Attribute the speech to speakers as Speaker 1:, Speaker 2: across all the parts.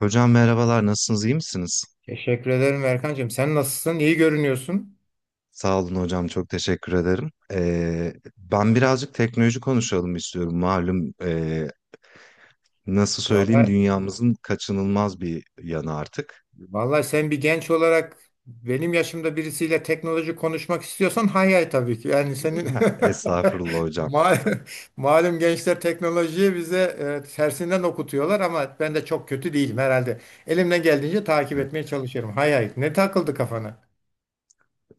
Speaker 1: Hocam merhabalar, nasılsınız, iyi misiniz?
Speaker 2: Teşekkür ederim Erkancığım. Sen nasılsın? İyi görünüyorsun.
Speaker 1: Sağ olun hocam, çok teşekkür ederim. Ben birazcık teknoloji konuşalım istiyorum. Malum, nasıl söyleyeyim,
Speaker 2: Vallahi,
Speaker 1: dünyamızın kaçınılmaz bir yanı artık.
Speaker 2: vallahi, sen bir genç olarak benim yaşımda birisiyle teknoloji konuşmak istiyorsan hay hay tabii ki. Yani senin
Speaker 1: Estağfurullah hocam.
Speaker 2: mal, malum gençler teknolojiyi bize tersinden okutuyorlar ama ben de çok kötü değilim herhalde. Elimden geldiğince takip
Speaker 1: Evet.
Speaker 2: etmeye çalışıyorum. Hay hay. Ne takıldı kafana?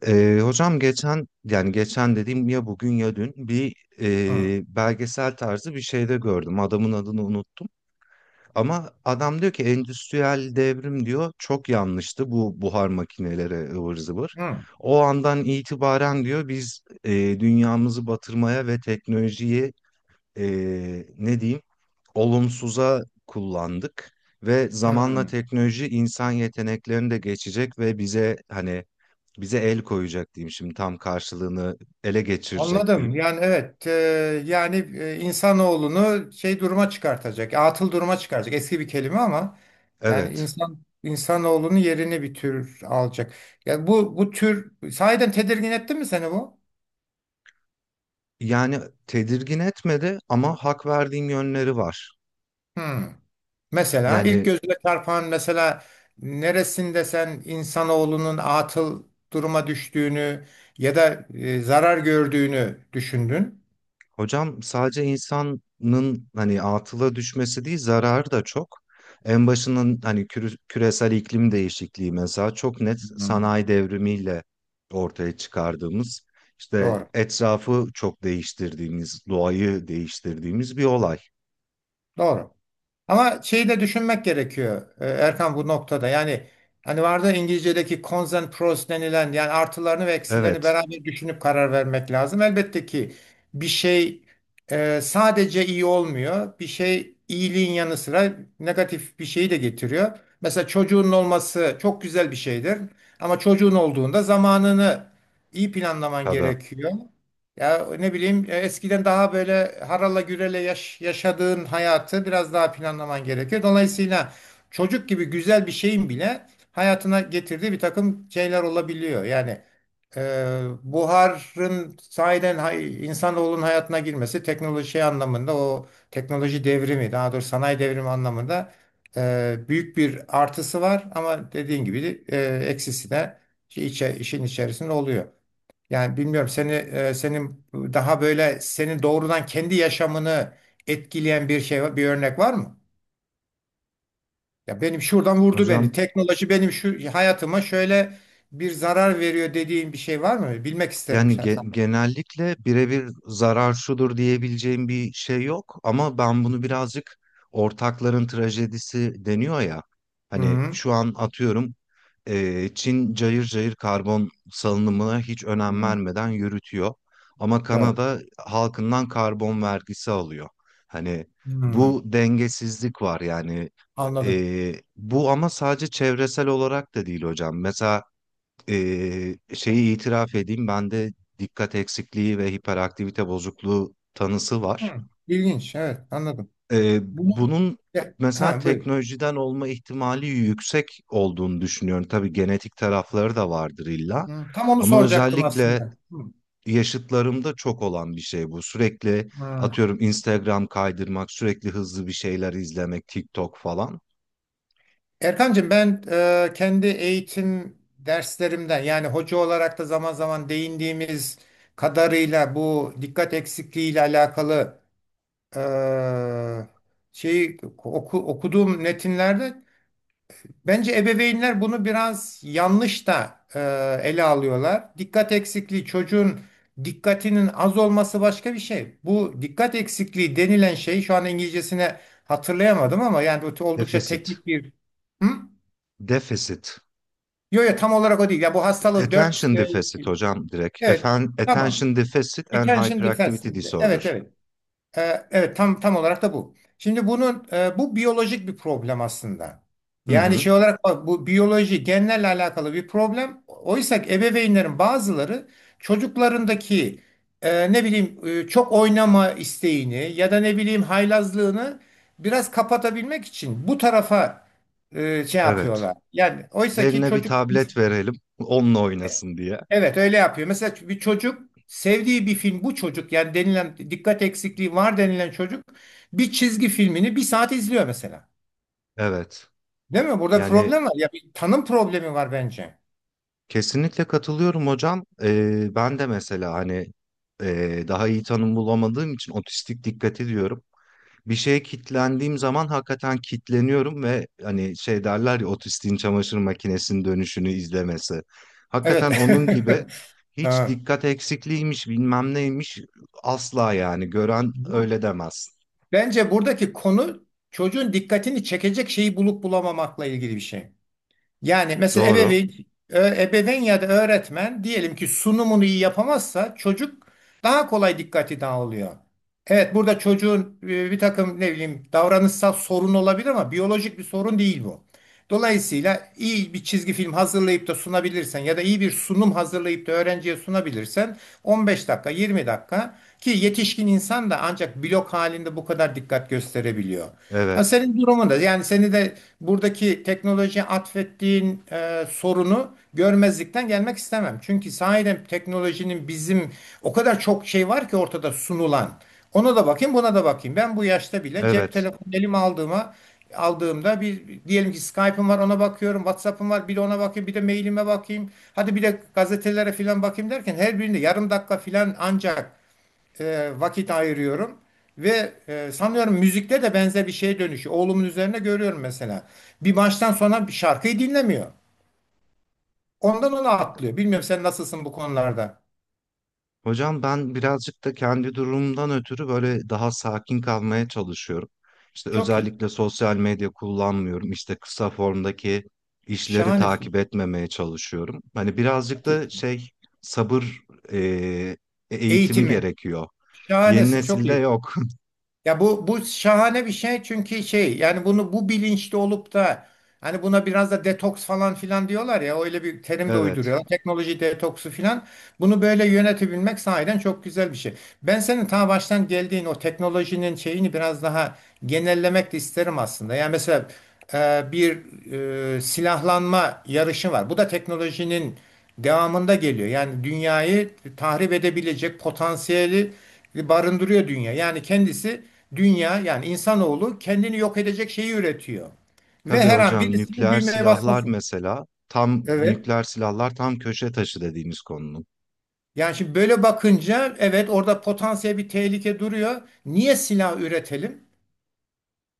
Speaker 1: Hocam geçen dediğim ya, bugün ya dün bir
Speaker 2: Hı,
Speaker 1: belgesel tarzı bir şeyde gördüm. Adamın adını unuttum. Ama adam diyor ki endüstriyel devrim diyor, çok yanlıştı bu buhar makineleri ıvır zıvır.
Speaker 2: hı,
Speaker 1: O andan itibaren diyor biz dünyamızı batırmaya ve teknolojiyi e, ne diyeyim olumsuza kullandık. Ve zamanla
Speaker 2: hı.
Speaker 1: teknoloji insan yeteneklerini de geçecek ve bize hani bize el koyacak diyeyim, şimdi tam karşılığını ele geçirecek
Speaker 2: Anladım.
Speaker 1: diyeyim.
Speaker 2: Yani evet, yani insanoğlunu şey duruma çıkartacak, atıl duruma çıkaracak. Eski bir kelime ama yani
Speaker 1: Evet,
Speaker 2: insan insanoğlunun yerini bir tür alacak. Yani bu tür sahiden tedirgin etti mi seni bu?
Speaker 1: yani tedirgin etmedi ama hak verdiğim yönleri var.
Speaker 2: Hmm. Mesela ilk
Speaker 1: Yani
Speaker 2: gözüne çarpan mesela neresinde sen insanoğlunun atıl duruma düştüğünü ya da zarar gördüğünü düşündün?
Speaker 1: hocam sadece insanın hani atıla düşmesi değil, zararı da çok. En başının hani küresel iklim değişikliği mesela, çok net
Speaker 2: Hmm.
Speaker 1: sanayi devrimiyle ortaya çıkardığımız, işte
Speaker 2: Doğru.
Speaker 1: etrafı çok değiştirdiğimiz, doğayı değiştirdiğimiz bir olay.
Speaker 2: Doğru. Ama şeyi de düşünmek gerekiyor Erkan bu noktada. Yani hani vardı ya İngilizce'deki cons and pros denilen yani artılarını ve eksilerini
Speaker 1: Evet,
Speaker 2: beraber düşünüp karar vermek lazım. Elbette ki bir şey sadece iyi olmuyor. Bir şey iyiliğin yanı sıra negatif bir şeyi de getiriyor. Mesela çocuğun olması çok güzel bir şeydir. Ama çocuğun olduğunda zamanını iyi planlaman
Speaker 1: tabii.
Speaker 2: gerekiyor. Ya ne bileyim eskiden daha böyle harala gürele yaşadığın hayatı biraz daha planlaman gerekiyor. Dolayısıyla çocuk gibi güzel bir şeyin bile hayatına getirdiği bir takım şeyler olabiliyor. Yani e, buharın sahiden hay, insanoğlunun hayatına girmesi teknoloji şey anlamında o teknoloji devrimi daha doğrusu sanayi devrimi anlamında büyük bir artısı var ama dediğin gibi de, eksisi de şey işin içerisinde oluyor. Yani bilmiyorum seni senin daha böyle senin doğrudan kendi yaşamını etkileyen bir şey bir örnek var mı? Ya benim şuradan vurdu beni.
Speaker 1: Hocam,
Speaker 2: Teknoloji benim şu hayatıma şöyle bir zarar veriyor dediğin bir şey var mı? Bilmek isterim
Speaker 1: yani
Speaker 2: şahsen.
Speaker 1: genellikle birebir zarar şudur diyebileceğim bir şey yok, ama ben
Speaker 2: Hı
Speaker 1: bunu
Speaker 2: hı.
Speaker 1: birazcık ortakların trajedisi deniyor ya. Hani
Speaker 2: Hı,
Speaker 1: şu an atıyorum, Çin cayır cayır karbon salınımına hiç önem
Speaker 2: hı.
Speaker 1: vermeden yürütüyor. Ama
Speaker 2: Doğru.
Speaker 1: Kanada halkından karbon vergisi alıyor. Hani
Speaker 2: Hı,
Speaker 1: bu dengesizlik var yani.
Speaker 2: anladım.
Speaker 1: E, bu ama sadece çevresel olarak da değil hocam. Mesela şeyi itiraf edeyim, bende dikkat eksikliği ve hiperaktivite bozukluğu tanısı var.
Speaker 2: Hı, ilginç. Evet, anladım.
Speaker 1: Ee,
Speaker 2: Bunu
Speaker 1: Bunun
Speaker 2: Ya,
Speaker 1: mesela
Speaker 2: ha, buyur.
Speaker 1: teknolojiden olma ihtimali yüksek olduğunu düşünüyorum. Tabii genetik tarafları da vardır illa.
Speaker 2: Hı, tam onu
Speaker 1: Ama
Speaker 2: soracaktım
Speaker 1: özellikle
Speaker 2: aslında. Hı,
Speaker 1: yaşıtlarımda çok olan bir şey bu. Sürekli
Speaker 2: hı.
Speaker 1: atıyorum Instagram kaydırmak, sürekli hızlı bir şeyler izlemek, TikTok falan.
Speaker 2: Erkancığım ben kendi eğitim derslerimden yani hoca olarak da zaman zaman değindiğimiz kadarıyla bu dikkat eksikliği ile alakalı e, şeyi okuduğum metinlerde bence ebeveynler bunu biraz yanlış da ele alıyorlar. Dikkat eksikliği çocuğun dikkatinin az olması başka bir şey. Bu dikkat eksikliği denilen şey şu an İngilizcesine hatırlayamadım ama yani oldukça
Speaker 1: Defisit.
Speaker 2: teknik bir Hı?
Speaker 1: Defisit.
Speaker 2: Yo yo tam olarak o değil. Ya bu hastalığın dört.
Speaker 1: Attention deficit hocam, direkt.
Speaker 2: Evet,
Speaker 1: Efen,
Speaker 2: tamam.
Speaker 1: attention deficit and
Speaker 2: Attention defense.
Speaker 1: hyperactivity disorder.
Speaker 2: Evet, evet. Evet tam tam olarak da bu. Şimdi bunun bu biyolojik bir problem aslında.
Speaker 1: Hı
Speaker 2: Yani
Speaker 1: hı.
Speaker 2: şey olarak bak, bu biyoloji genlerle alakalı bir problem. Oysa ki ebeveynlerin bazıları çocuklarındaki ne bileyim çok oynama isteğini ya da ne bileyim haylazlığını biraz kapatabilmek için bu tarafa şey
Speaker 1: Evet.
Speaker 2: yapıyorlar. Yani oysa ki
Speaker 1: Eline bir
Speaker 2: çocuk
Speaker 1: tablet verelim. Onunla oynasın diye.
Speaker 2: Evet öyle yapıyor. Mesela bir çocuk sevdiği bir film bu çocuk yani denilen dikkat eksikliği var denilen çocuk bir çizgi filmini bir saat izliyor mesela.
Speaker 1: Evet.
Speaker 2: Değil mi? Burada
Speaker 1: Yani
Speaker 2: problem var. Ya bir tanım problemi var bence.
Speaker 1: kesinlikle katılıyorum hocam. Ben de mesela hani daha iyi tanım bulamadığım için otistik dikkat ediyorum. Bir şeye kitlendiğim zaman hakikaten kitleniyorum ve hani şey derler ya, otistiğin çamaşır makinesinin dönüşünü izlemesi. Hakikaten
Speaker 2: Evet.
Speaker 1: onun gibi. Hiç
Speaker 2: Ha.
Speaker 1: dikkat eksikliğiymiş, bilmem neymiş, asla, yani gören
Speaker 2: Bu-
Speaker 1: öyle demez.
Speaker 2: Bence buradaki konu çocuğun dikkatini çekecek şeyi bulup bulamamakla ilgili bir şey. Yani mesela
Speaker 1: Doğru.
Speaker 2: ebeveyn ya da öğretmen diyelim ki sunumunu iyi yapamazsa çocuk daha kolay dikkati dağılıyor. Evet burada çocuğun bir takım ne bileyim davranışsal sorun olabilir ama biyolojik bir sorun değil bu. Dolayısıyla iyi bir çizgi film hazırlayıp da sunabilirsen ya da iyi bir sunum hazırlayıp da öğrenciye sunabilirsen 15 dakika 20 dakika ki yetişkin insan da ancak blok halinde bu kadar dikkat gösterebiliyor. Ha,
Speaker 1: Evet.
Speaker 2: senin durumunda yani seni de buradaki teknolojiye atfettiğin sorunu görmezlikten gelmek istemem. Çünkü sahiden teknolojinin bizim o kadar çok şey var ki ortada sunulan. Ona da bakayım, buna da bakayım. Ben bu yaşta bile cep
Speaker 1: Evet.
Speaker 2: telefonu elime aldığımda bir diyelim ki Skype'ım var ona bakıyorum, WhatsApp'ım var bir de ona bakayım, bir de mailime bakayım. Hadi bir de gazetelere filan bakayım derken her birinde yarım dakika filan ancak vakit ayırıyorum. Ve sanıyorum müzikte de benzer bir şeye dönüşüyor. Oğlumun üzerine görüyorum mesela. Bir baştan sona bir şarkıyı dinlemiyor. Ondan ona atlıyor. Bilmiyorum sen nasılsın bu konularda.
Speaker 1: Hocam ben birazcık da kendi durumumdan ötürü böyle daha sakin kalmaya çalışıyorum. İşte
Speaker 2: Çok iyi.
Speaker 1: özellikle sosyal medya kullanmıyorum. İşte kısa formdaki işleri takip
Speaker 2: Şahanesin.
Speaker 1: etmemeye çalışıyorum. Hani birazcık
Speaker 2: Çok
Speaker 1: da
Speaker 2: iyi.
Speaker 1: şey, sabır eee, eğitimi
Speaker 2: Eğitimi.
Speaker 1: gerekiyor. Yeni
Speaker 2: Şahanesin. Çok
Speaker 1: nesilde
Speaker 2: iyi.
Speaker 1: yok.
Speaker 2: Ya bu şahane bir şey çünkü şey yani bunu bu bilinçli olup da hani buna biraz da detoks falan filan diyorlar ya öyle bir terim de
Speaker 1: Evet.
Speaker 2: uyduruyor. Teknoloji detoksu filan. Bunu böyle yönetebilmek sahiden çok güzel bir şey. Ben senin ta baştan geldiğin o teknolojinin şeyini biraz daha genellemek de isterim aslında. Yani mesela bir silahlanma yarışı var. Bu da teknolojinin devamında geliyor. Yani dünyayı tahrip edebilecek potansiyeli barındırıyor dünya. Yani kendisi Dünya yani insanoğlu kendini yok edecek şeyi üretiyor. Ve
Speaker 1: Tabii
Speaker 2: her an
Speaker 1: hocam,
Speaker 2: birisinin
Speaker 1: nükleer
Speaker 2: düğmeye
Speaker 1: silahlar
Speaker 2: basmasın.
Speaker 1: mesela, tam
Speaker 2: Evet.
Speaker 1: nükleer silahlar tam köşe taşı dediğimiz konunun.
Speaker 2: Yani şimdi böyle bakınca evet orada potansiyel bir tehlike duruyor. Niye silah üretelim?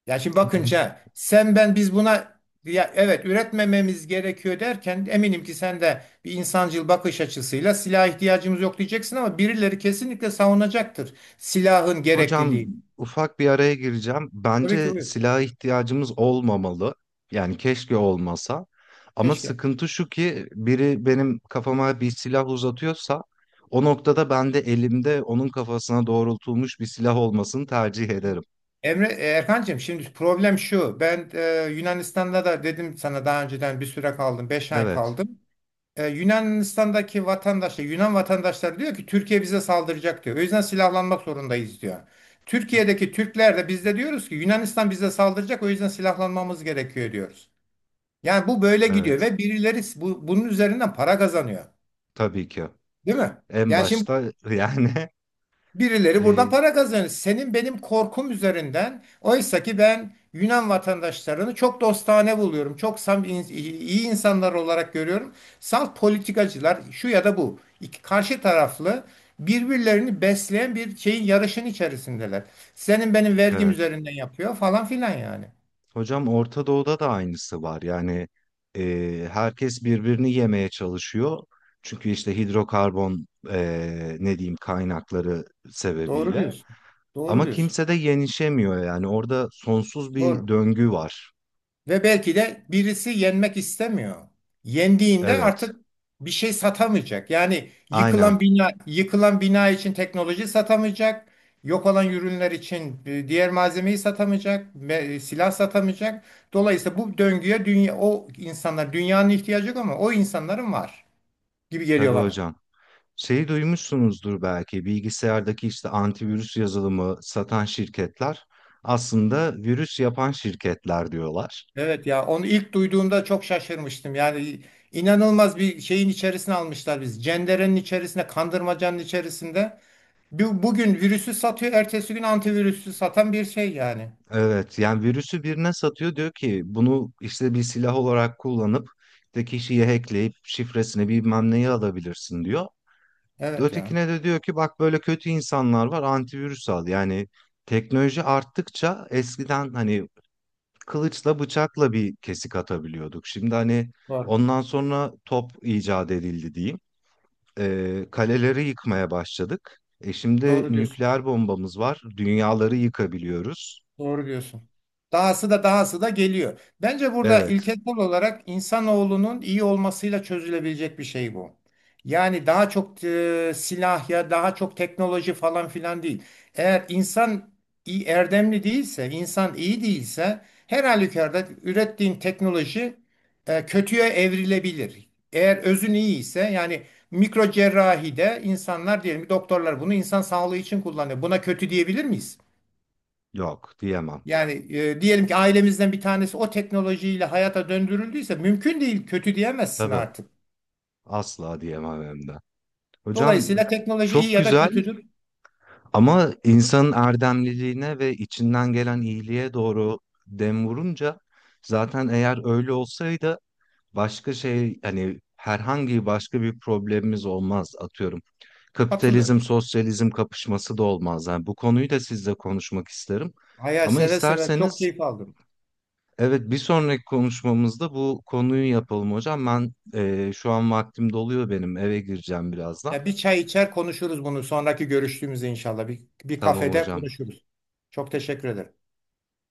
Speaker 2: Yani şimdi bakınca sen ben biz buna ya evet üretmememiz gerekiyor derken eminim ki sen de bir insancıl bakış açısıyla silah ihtiyacımız yok diyeceksin ama birileri kesinlikle savunacaktır silahın
Speaker 1: Hocam,
Speaker 2: gerekliliğini.
Speaker 1: ufak bir araya gireceğim.
Speaker 2: Tabii ki
Speaker 1: Bence
Speaker 2: buyur.
Speaker 1: silaha ihtiyacımız olmamalı. Yani keşke olmasa. Ama
Speaker 2: Keşke.
Speaker 1: sıkıntı şu ki biri benim kafama bir silah uzatıyorsa, o noktada ben de elimde onun kafasına doğrultulmuş bir silah olmasını tercih ederim.
Speaker 2: Erkancığım şimdi problem şu. Ben Yunanistan'da da dedim sana daha önceden bir süre kaldım. 5 ay
Speaker 1: Evet,
Speaker 2: kaldım. Yunanistan'daki vatandaşlar, Yunan vatandaşları diyor ki Türkiye bize saldıracak diyor. O yüzden silahlanmak zorundayız diyor. Türkiye'deki Türkler de biz de diyoruz ki Yunanistan bize saldıracak o yüzden silahlanmamız gerekiyor diyoruz. Yani bu böyle gidiyor
Speaker 1: evet.
Speaker 2: ve birileri bunun üzerinden para kazanıyor.
Speaker 1: Tabii ki.
Speaker 2: Değil mi?
Speaker 1: En
Speaker 2: Yani şimdi
Speaker 1: başta yani
Speaker 2: Birileri buradan
Speaker 1: e,
Speaker 2: para kazanır. Senin benim korkum üzerinden. Oysa ki ben Yunan vatandaşlarını çok dostane buluyorum. Çok iyi insanlar olarak görüyorum. Salt politikacılar şu ya da bu. İki karşı taraflı birbirlerini besleyen bir şeyin yarışın içerisindeler. Senin benim vergim
Speaker 1: evet.
Speaker 2: üzerinden yapıyor falan filan yani.
Speaker 1: Hocam Orta Doğu'da da aynısı var. Yani herkes birbirini yemeye çalışıyor. Çünkü işte hidrokarbon, e, ne diyeyim kaynakları
Speaker 2: Doğru
Speaker 1: sebebiyle.
Speaker 2: diyorsun. Doğru
Speaker 1: Ama
Speaker 2: diyorsun.
Speaker 1: kimse de yenişemiyor yani, orada sonsuz bir
Speaker 2: Doğru.
Speaker 1: döngü var.
Speaker 2: Ve belki de birisi yenmek istemiyor. Yendiğinde
Speaker 1: Evet,
Speaker 2: artık bir şey satamayacak. Yani
Speaker 1: aynen.
Speaker 2: yıkılan bina, yıkılan bina için teknoloji satamayacak. Yok olan ürünler için diğer malzemeyi satamayacak, silah satamayacak. Dolayısıyla bu döngüye dünya o insanlar dünyanın ihtiyacı yok ama o insanların var gibi
Speaker 1: Tabii
Speaker 2: geliyor bana.
Speaker 1: hocam. Şeyi duymuşsunuzdur belki, bilgisayardaki işte antivirüs yazılımı satan şirketler aslında virüs yapan şirketler diyorlar.
Speaker 2: Evet ya onu ilk duyduğumda çok şaşırmıştım. Yani inanılmaz bir şeyin içerisine almışlar biz. Cenderenin içerisinde, kandırmacanın içerisinde. Bugün virüsü satıyor, ertesi gün antivirüsü satan bir şey yani.
Speaker 1: Evet yani, virüsü birine satıyor diyor ki bunu işte bir silah olarak kullanıp işte kişiyi hackleyip şifresini bilmem neyi alabilirsin diyor.
Speaker 2: Evet ya.
Speaker 1: Ötekine de diyor ki, bak böyle kötü insanlar var, antivirüs al. Yani teknoloji arttıkça eskiden hani kılıçla bıçakla bir kesik atabiliyorduk. Şimdi hani
Speaker 2: Doğru.
Speaker 1: ondan sonra top icat edildi diyeyim. Kaleleri yıkmaya başladık. E şimdi
Speaker 2: Doğru diyorsun.
Speaker 1: nükleer bombamız var. Dünyaları yıkabiliyoruz.
Speaker 2: Doğru diyorsun. Dahası da geliyor. Bence burada
Speaker 1: Evet,
Speaker 2: ilkesel olarak insanoğlunun iyi olmasıyla çözülebilecek bir şey bu. Yani daha çok silah ya daha çok teknoloji falan filan değil. Eğer insan iyi, erdemli değilse, insan iyi değilse her halükarda ürettiğin teknoloji kötüye evrilebilir. Eğer özün iyi ise yani mikro cerrahide insanlar diyelim ki doktorlar bunu insan sağlığı için kullanıyor. Buna kötü diyebilir miyiz?
Speaker 1: yok diyemem.
Speaker 2: Yani diyelim ki ailemizden bir tanesi o teknolojiyle hayata döndürüldüyse mümkün değil kötü diyemezsin
Speaker 1: Tabii
Speaker 2: artık.
Speaker 1: asla diyemem, hem de. Hocam
Speaker 2: Dolayısıyla teknoloji iyi
Speaker 1: çok
Speaker 2: ya da
Speaker 1: güzel,
Speaker 2: kötüdür
Speaker 1: ama insanın erdemliliğine ve içinden gelen iyiliğe doğru dem vurunca, zaten eğer öyle olsaydı başka şey hani, herhangi başka bir problemimiz olmaz atıyorum.
Speaker 2: katılıyorum.
Speaker 1: Kapitalizm sosyalizm kapışması da olmaz. Yani bu konuyu da sizle konuşmak isterim.
Speaker 2: Hayal
Speaker 1: Ama
Speaker 2: seve seve çok
Speaker 1: isterseniz
Speaker 2: keyif aldım.
Speaker 1: evet, bir sonraki konuşmamızda bu konuyu yapalım hocam. Ben şu an vaktim doluyor, benim eve gireceğim birazdan.
Speaker 2: Ya bir çay içer konuşuruz bunu sonraki görüştüğümüzde inşallah bir
Speaker 1: Tamam
Speaker 2: kafede
Speaker 1: hocam.
Speaker 2: konuşuruz. Çok teşekkür ederim.